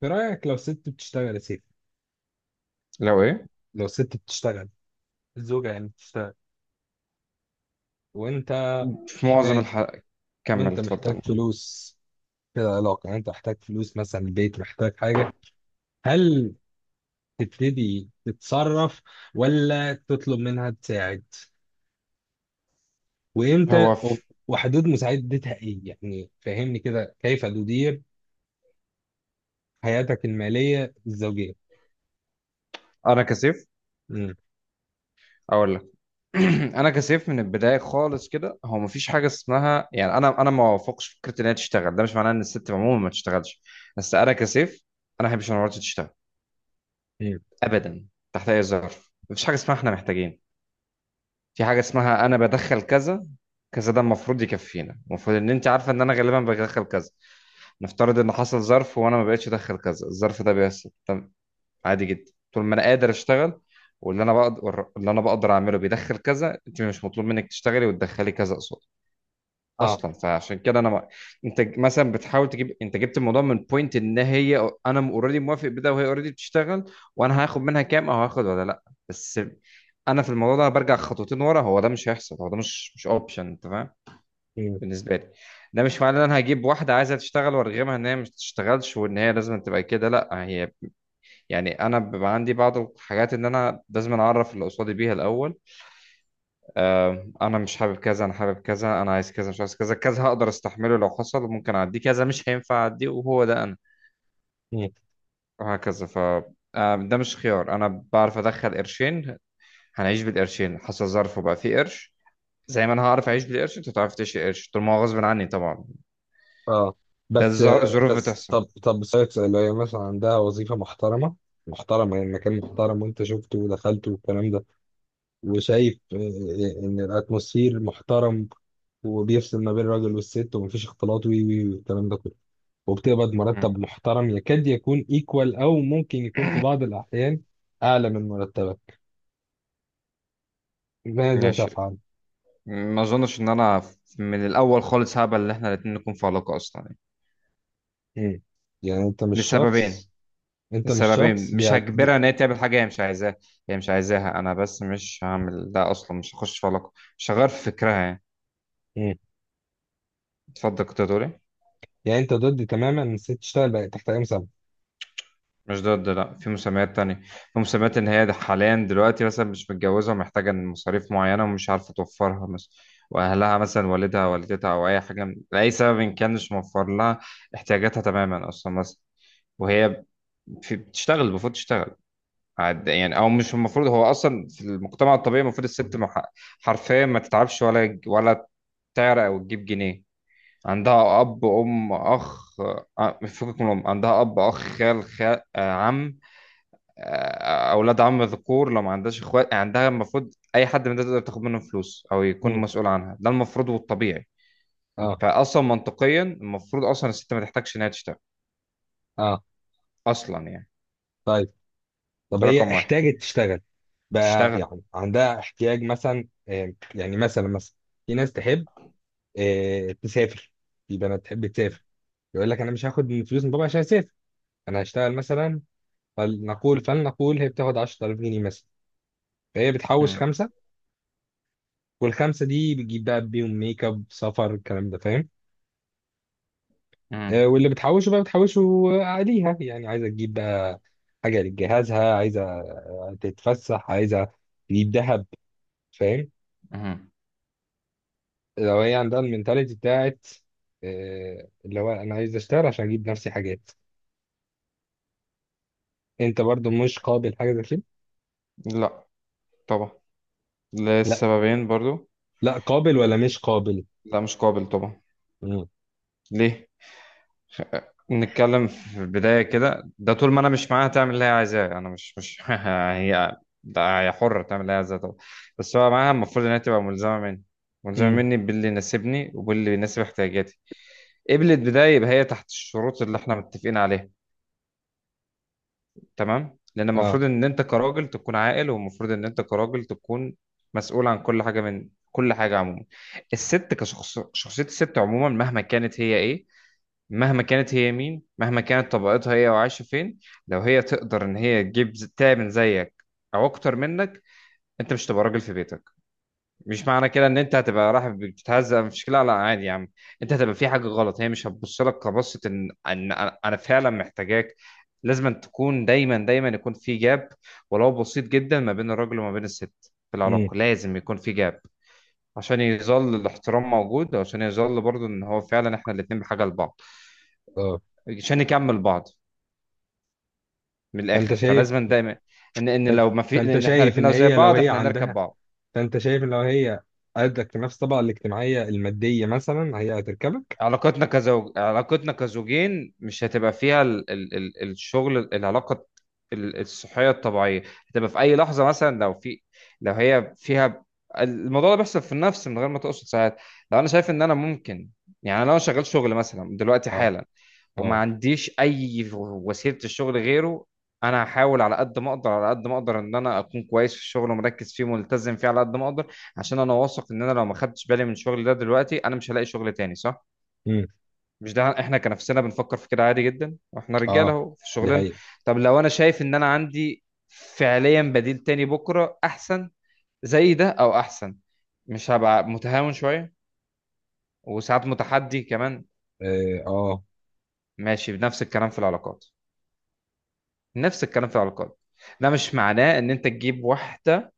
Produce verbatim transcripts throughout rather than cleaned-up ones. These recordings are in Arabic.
في رأيك لو ست بتشتغل يا سيدي. لو ايه؟ لو ست بتشتغل الزوجة يعني بتشتغل وانت في معظم محتاج الحلقة. كمل وانت محتاج اتفضل. فلوس في العلاقة، يعني انت محتاج فلوس، مثلا البيت محتاج حاجة. هل تبتدي تتصرف، ولا تطلب منها تساعد؟ وامتى هو وف- في... وحدود مساعدتها ايه؟ يعني فهمني كده، كيف تدير حياتك المالية الزوجية؟ انا كسيف امم اقول لك. انا كسيف من البدايه خالص كده. هو مفيش حاجه اسمها، يعني انا انا ما وافقش فكره ان هي تشتغل. ده مش معناه ان الست عموما ما تشتغلش، بس انا كسيف. انا ما بحبش ان مراتي تشتغل امم ابدا تحت اي ظرف. مفيش حاجه اسمها احنا محتاجين، في حاجه اسمها انا بدخل كذا كذا، ده المفروض يكفينا. المفروض ان انت عارفه ان انا غالبا بدخل كذا. نفترض ان حصل ظرف وانا ما بقتش ادخل كذا، الظرف ده بيحصل عادي جدا. طول ما انا قادر اشتغل واللي انا بقدر اللي انا بقدر اعمله بيدخل كذا، انت مش مطلوب منك تشتغلي وتدخلي كذا قصاد اه اصلا. فعشان كده انا ما... انت مثلا بتحاول تجيب، انت جبت الموضوع من بوينت ان هي، انا اوريدي موافق بده وهي اوريدي بتشتغل، وانا هاخد منها كام او هاخد ولا لا. بس انا في الموضوع ده برجع خطوتين ورا. هو ده مش هيحصل، هو ده مش مش اوبشن، انت فاهم؟ امم بالنسبه لي ده مش معناه ان انا هجيب واحده عايزه تشتغل وارغمها ان هي مش تشتغلش وان هي لازم تبقى كده، لا. هي يعني انا بيبقى عندي بعض الحاجات ان انا لازم اعرف اللي قصادي بيها الاول. آه، انا مش حابب كذا، انا حابب كذا، انا عايز كذا مش عايز كذا، كذا هقدر استحمله لو حصل، ممكن اعديه، كذا مش هينفع اعديه، وهو ده انا، وهكذا. ف آه، ده مش خيار. انا بعرف ادخل قرشين، هنعيش بالقرشين. حصل ظرف وبقى فيه قرش، زي ما انا هعرف اعيش بالقرش انت هتعرف تعيش قرش، طول ما هو غصب عني طبعا. اه ده بس الظر- الظروف بس بتحصل. طب طب اسالك سؤال، لو هي مثلا عندها وظيفه محترمه، محترمه يعني مكان محترم، وانت شفته ودخلته والكلام ده، وشايف آه، آه، ان الاتموسفير محترم، وبيفصل ما بين الراجل والست، ومفيش اختلاط وي وي والكلام ده كله، وبتقبض مرتب مم. محترم يكاد يكون ايكوال، او ممكن يكون في بعض الاحيان اعلى من مرتبك. ماذا ماشي. تفعل؟ ما اظنش ان انا من الاول خالص هقبل ان احنا الاتنين نكون في علاقة اصلا يعني. مم. يعني انت مش لسببين. شخص، انت مش شخص السببين: مش بيعت... بي... هجبرها ان هي تعمل حاجه هي مش عايزاها. هي مش عايزاها انا بس، مش هعمل ده اصلا، مش هخش في علاقه مش هغير في فكرها يعني. مم. اتفضل كنت هتقول ايه؟ يعني انت ضد تماما ان الست تشتغل بقى تحت اي مسمى؟ مش ضد، لا. في مسميات تانية، في مسميات ان هي ده حاليا دلوقتي مثلا مش متجوزه ومحتاجه إن مصاريف معينه ومش عارفه توفرها مثلا، واهلها مثلا، والدها والدتها او اي حاجه لاي سبب ان كان مش موفر لها احتياجاتها تماما اصلا مثلا، وهي في بتشتغل، المفروض تشتغل عاد يعني. او مش المفروض، هو اصلا في المجتمع الطبيعي المفروض الست مح- حرفيا ما تتعبش ولا ولا تعرق او تجيب جنيه. عندها اب ام اخ، آه، فكك من الام، عندها اب اخ خال خال عم، آه، اولاد عم ذكور لو ما عندهاش اخوات يعني. عندها المفروض اي حد من ده تقدر تاخد منه فلوس او يكون مسؤول عنها، ده المفروض والطبيعي. اه. فاصلا منطقيا المفروض اصلا الست ما تحتاجش انها تشتغل اه. اصلا يعني. طيب، طب ده هي رقم واحد. احتاجت تشتغل بقى، تشتغل. يعني عندها احتياج، مثلا آه، يعني مثلا مثلا في ناس تحب آه تسافر، في بنات تحب تسافر، يقول لك انا مش هاخد من فلوس من بابا عشان اسافر، انا هشتغل مثلا. فلنقول فلنقول هي بتاخد عشرة آلاف جنيه مثلا، فهي بتحوش مم. خمسه، والخمسه دي بتجيب بقى بيهم ميك اب، سفر، الكلام ده، فاهم؟ آه، مم. واللي بتحوشه بقى بتحوشه عليها، يعني عايزه تجيب بقى حاجه لجهازها، عايزه تتفسح، عايزه تجيب ذهب، فاهم؟ مم. لو هي عندها المنتاليتي بتاعت آه اللي هو انا عايز اشتغل عشان اجيب نفسي حاجات، انت برضو مش قابل حاجه زي كده؟ لا طبعا، لا. للسببين برضو. لا قابل ولا مش قابل؟ لا مش قابل طبعا. مم. ليه؟ خ- نتكلم في البداية كده. ده طول ما انا مش معاها تعمل اللي هي عايزاه، انا مش مش هي، ده هي حرة تعمل اللي هي عايزاه طبعا، بس هو معاها المفروض ان هي تبقى ملزمة مني. ملزمة مم. مني باللي يناسبني وباللي يناسب احتياجاتي. قبلت بداية يبقى هي تحت الشروط اللي احنا متفقين عليها، تمام. لان المفروض اه. ان انت كراجل تكون عاقل، والمفروض ان انت كراجل تكون مسؤول عن كل حاجه، من كل حاجه عموما. الست كشخص، شخصيه الست عموما مهما كانت هي ايه، مهما كانت هي مين، مهما كانت طبقتها هي وعايشه فين، لو هي تقدر ان هي تجيب ز- تمن زيك او اكتر منك، انت مش تبقى راجل في بيتك. مش معنى كده ان انت هتبقى رايح بتتهزق، مش كده، لا لا عادي يا عم. انت هتبقى في حاجه غلط، هي مش هتبص لك كبصه ان ان انا، أنا فعلا محتاجاك. لازم أن تكون دايما، دايما يكون في جاب ولو بسيط جدا ما بين الراجل وما بين الست، في مم. العلاقه لازم يكون في جاب، عشان يظل الاحترام موجود، وعشان يظل برضو ان هو فعلا احنا الاتنين بحاجه لبعض، اه. عشان نكمل بعض. من فانت الاخر شايف، فلازم دايما ان ان فان- لو ما في، فانت ان احنا شايف الاتنين ان لو زي هي لو بعض هي احنا هنركب عندها، بعض. فانت شايف ان لو هي قدك في نفس الطبقه الاجتماعيه الماديه مثلا، هي هتركبك؟ علاقتنا كزوج، علاقتنا كزوجين مش هتبقى فيها ال... ال... ال... الشغل، العلاقة ال- الصحية الطبيعية هتبقى في أي لحظة. مثلا لو في، لو هي فيها، الموضوع ده بيحصل في النفس من غير ما تقصد ساعات. لو أنا شايف إن أنا ممكن، يعني لو أنا شغال شغل مثلا دلوقتي اه. حالا وما اه. عنديش أي وسيلة الشغل غيره، أنا هحاول على قد ما أقدر، على قد ما أقدر إن أنا أكون كويس في الشغل ومركز فيه وملتزم فيه على قد ما أقدر، عشان أنا واثق إن أنا لو ما خدتش بالي من شغلي ده دلوقتي أنا مش هلاقي شغل تاني، صح؟ مم. مش ده احنا كنفسنا بنفكر في كده عادي جدا، واحنا رجاله اه. اهو في دي شغلنا. حقيقه. طب لو انا شايف ان انا عندي فعليا بديل تاني بكره احسن، زي ده او احسن، مش هبقى متهاون شويه وساعات متحدي كمان؟ اه. اه. ماشي. بنفس الكلام في العلاقات، نفس الكلام في العلاقات. ده مش معناه ان انت تجيب واحده،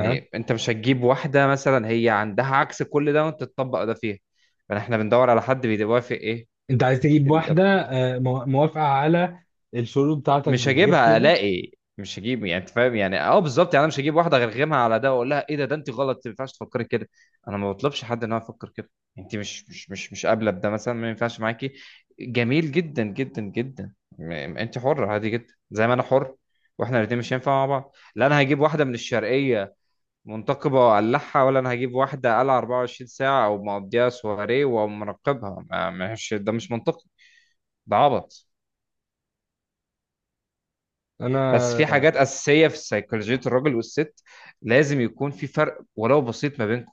ها. انت مش هتجيب واحده مثلا هي عندها عكس كل ده وانت تطبق ده فيها. فاحنا بندور على حد بيوافق ايه. انت عايز تجيب واحده آه مو- موافقه على الشروط بتاعتك مش دي، غير هجيبها كده؟ الاقي، مش هجيب يعني. انت فاهم يعني، اه، بالظبط يعني. انا مش هجيب واحده غرغمها على ده واقول لها ايه ده، ده انت غلط، ما ينفعش تفكري كده. انا ما بطلبش حد ان هو يفكر كده. انت مش مش مش مش قابله بده مثلا، ما ينفعش معاكي، جميل جدا جدا جدا. م- م- انت حره عادي جدا زي ما انا حر، واحنا الاثنين مش هينفع مع بعض. لا انا هجيب واحده من الشرقيه منتقبه وأقلعها، ولا انا هجيب واحده قلعه اربعه وعشرين ساعه او مقضيها سواري ومراقبها. ما- مش ده، مش منطقي، ده عبط. بس في حاجات انا اساسيه في سيكولوجيه الراجل والست، لازم يكون في فرق ولو بسيط ما بينكم.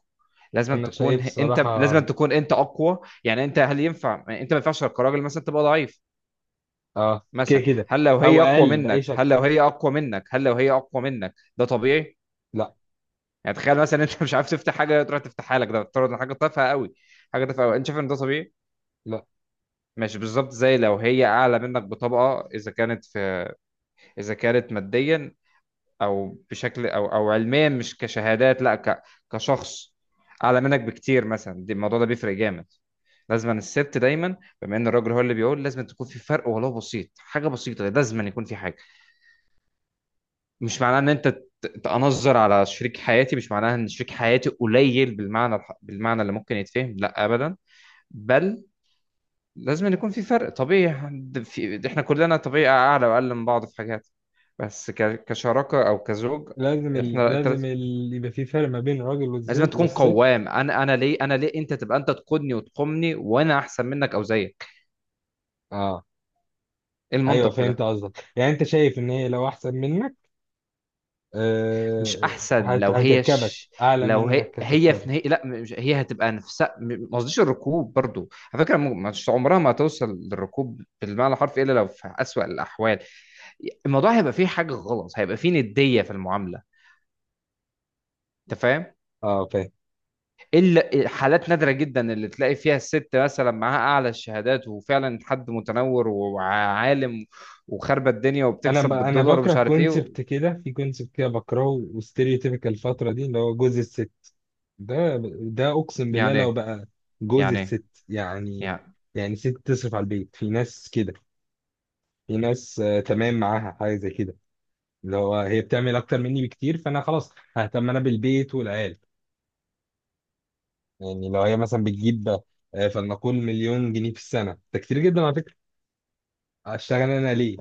لازم انا تكون شايف انت، صراحة لازم تكون انت اقوى يعني. انت هل ينفع يعني انت ما ينفعش كراجل مثلا تبقى ضعيف اه كده مثلا؟ كده، هل لو او هي اقوى اقل باي منك، شكل. هل لو هي اقوى منك هل لو هي اقوى منك ده طبيعي؟ لا. يعني تخيل مثلا انت مش عارف تفتح حاجه تروح تفتحها لك، ده بتفترض إن حاجه تافهه قوي، حاجه تافهه قوي، انت شايف ان ده طبيعي؟ لا، مش بالظبط زي لو هي اعلى منك بطبقه، اذا كانت في، اذا كانت ماديا او بشكل او او علميا، مش كشهادات لا، ك كشخص اعلى منك بكتير مثلا، دي الموضوع ده بيفرق جامد. لازم الست دايما، بما ان الراجل هو اللي بيقول، لازم تكون في فرق ولو بسيط، حاجه بسيطه لازم يكون في حاجه. مش معناه ان انت ت- تأنظر على شريك حياتي، مش معناها ان شريك حياتي قليل بالمعنى الح- بالمعنى اللي ممكن يتفهم، لا ابدا. بل لازم يكون في فرق طبيعي. ده في ده احنا كلنا طبيعي، اعلى واقل من بعض في حاجات، بس ك- كشراكه او كزوج لازم ال... احنا التلات، لازم ال... يبقى في فرق ما بين الراجل لازم والز- تكون والست. قوام. انا، انا ليه انا ليه انت تبقى، انت تقودني وتقومني وانا احسن منك او زيك؟ اه، ايه ايوه المنطق في فهمت ده؟ قصدك، يعني انت شايف ان هي لو احسن منك مش آه احسن هت... لو هي هتركبك، ش... اعلى لو هي، منك هي هتركبك؟ في نهاية، لا مش... هي هتبقى نفسها، م- ما قصديش الركوب برضو على فكره، م- مش عمرها ما هتوصل للركوب بالمعنى الحرفي الا لو في اسوأ الاحوال. الموضوع هيبقى فيه حاجه غلط، هيبقى فيه نديه في المعامله، انت فاهم؟ اه فاهم. الا حالات نادره جدا اللي تلاقي فيها الست مثلا معاها اعلى الشهادات وفعلا حد متنور وعالم وخاربه الدنيا انا وبتكسب ب... انا بالدولار بكره ومش عارف ايه. كونسبت كده، في كونسبت كده بكرهه وستيريوتيبيكال الفترة دي، اللي هو جوز الست، ده ده اقسم بالله يعني لو ايه؟ بقى جوز يعني ايه الست. يعني يعني؟ يعني ست تصرف على البيت، في ناس كده، في ناس آه تمام معاها حاجه زي كده، اللي هو هي بتعمل اكتر مني بكتير، فانا خلاص ههتم انا بالبيت والعيال. يعني لو هي مثلا بتجيب آه فلنقول مليون جنيه في السنه، ده كتير جدا على فكره، اشتغل انا ليه؟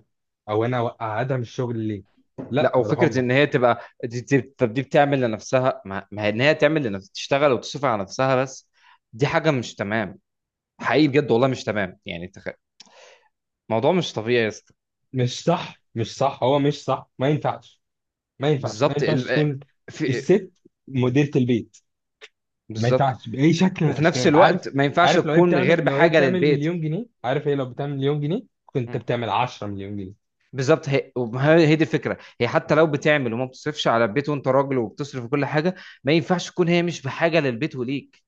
او انا اقعدها من الشغل ليه؟ لا لا، يا وفكره رحمة. ان هي تبقى دي دي- طب دي بتعمل لنفسها، ما ما هي ان هي تعمل لنفسها تشتغل وتصرف على نفسها بس، دي حاجه مش تمام. حقيقي بجد والله مش تمام يعني، تخ... الموضوع مش طبيعي يا اسطى. مش صح، مش صح، هو مش صح، ما ينفعش، ما ينفعش، ما بالظبط ينفعش ال... تكون في، الست مديرة البيت، ما بالظبط. ينفعش باي شكل من وفي نفس الاشكال، عارف؟ الوقت ما ينفعش عارف لو هي تكون بتعمل، غير لو هي بحاجه بتعمل للبيت. مليون جنيه، عارف هي لو بتعمل مليون جنيه، كنت مم. بتعمل عشرة مليون جنيه. بالظبط، هي وما هي هي دي الفكره. هي حتى لو بتعمل وما بتصرفش على البيت، وانت راجل وبتصرف كل حاجه، ما ينفعش تكون هي مش بحاجه للبيت وليك،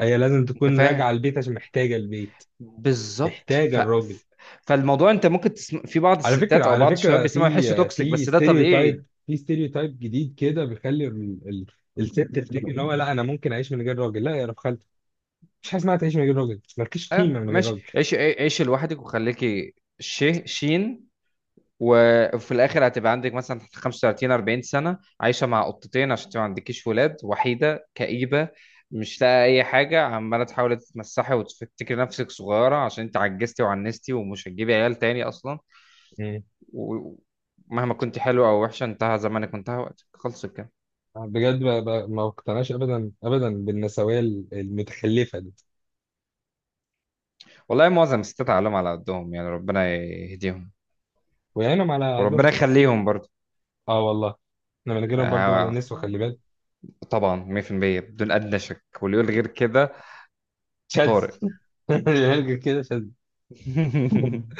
هي لازم انت تكون راجعه فاهم؟ البيت عشان محتاجه البيت، بالظبط. محتاجه ف... الراجل. ف- فالموضوع انت ممكن تسم... في بعض على فكره، الستات او على بعض الشباب فكره بيسمعوا يحسوا في توكسيك، في بس ده طبيعي. ستيريوتايب، في ستيريوتايب جديد كده بيخلي ال... ال... الست تفتكر ان هو لا، انا ممكن اعيش من غير راجل. لا يا رب خالتي، مفيش حاجه اسمها تعيش من غير راجل، مالكيش قيمه اه من غير ماشي، راجل. عيش عيش لوحدك وخليكي شي شين، وفي الاخر هتبقى عندك مثلا خمسة وثلاثين اربعين سنه عايشه مع قطتين، عشان انت ما عندكيش ولاد، وحيده كئيبه، مش لاقي اي حاجه، عماله تحاولي تتمسحي وتفتكري نفسك صغيره عشان انت عجزتي وعنستي ومش هتجيبي عيال تاني اصلا. مم. ومهما كنت حلوه او وحشه، انتهى زمانك وانتهى وقتك، خلص كده. بجد، ب... ب... ما اقتنعش ابدا ابدا بالنسويه المتخلفه دي، والله معظم الستات عقلهم على قدهم يعني، ربنا يهديهم ويعينهم على وربنا اهلهم. يخليهم برضه. اه والله، احنا من غيرهم برضه ولا آه، نسوى، خلي بالك. طبعا ميه في الميه بدون ادنى شك، واللي يقول غير كده شاذ. طارق. هرجع كده. شاذ.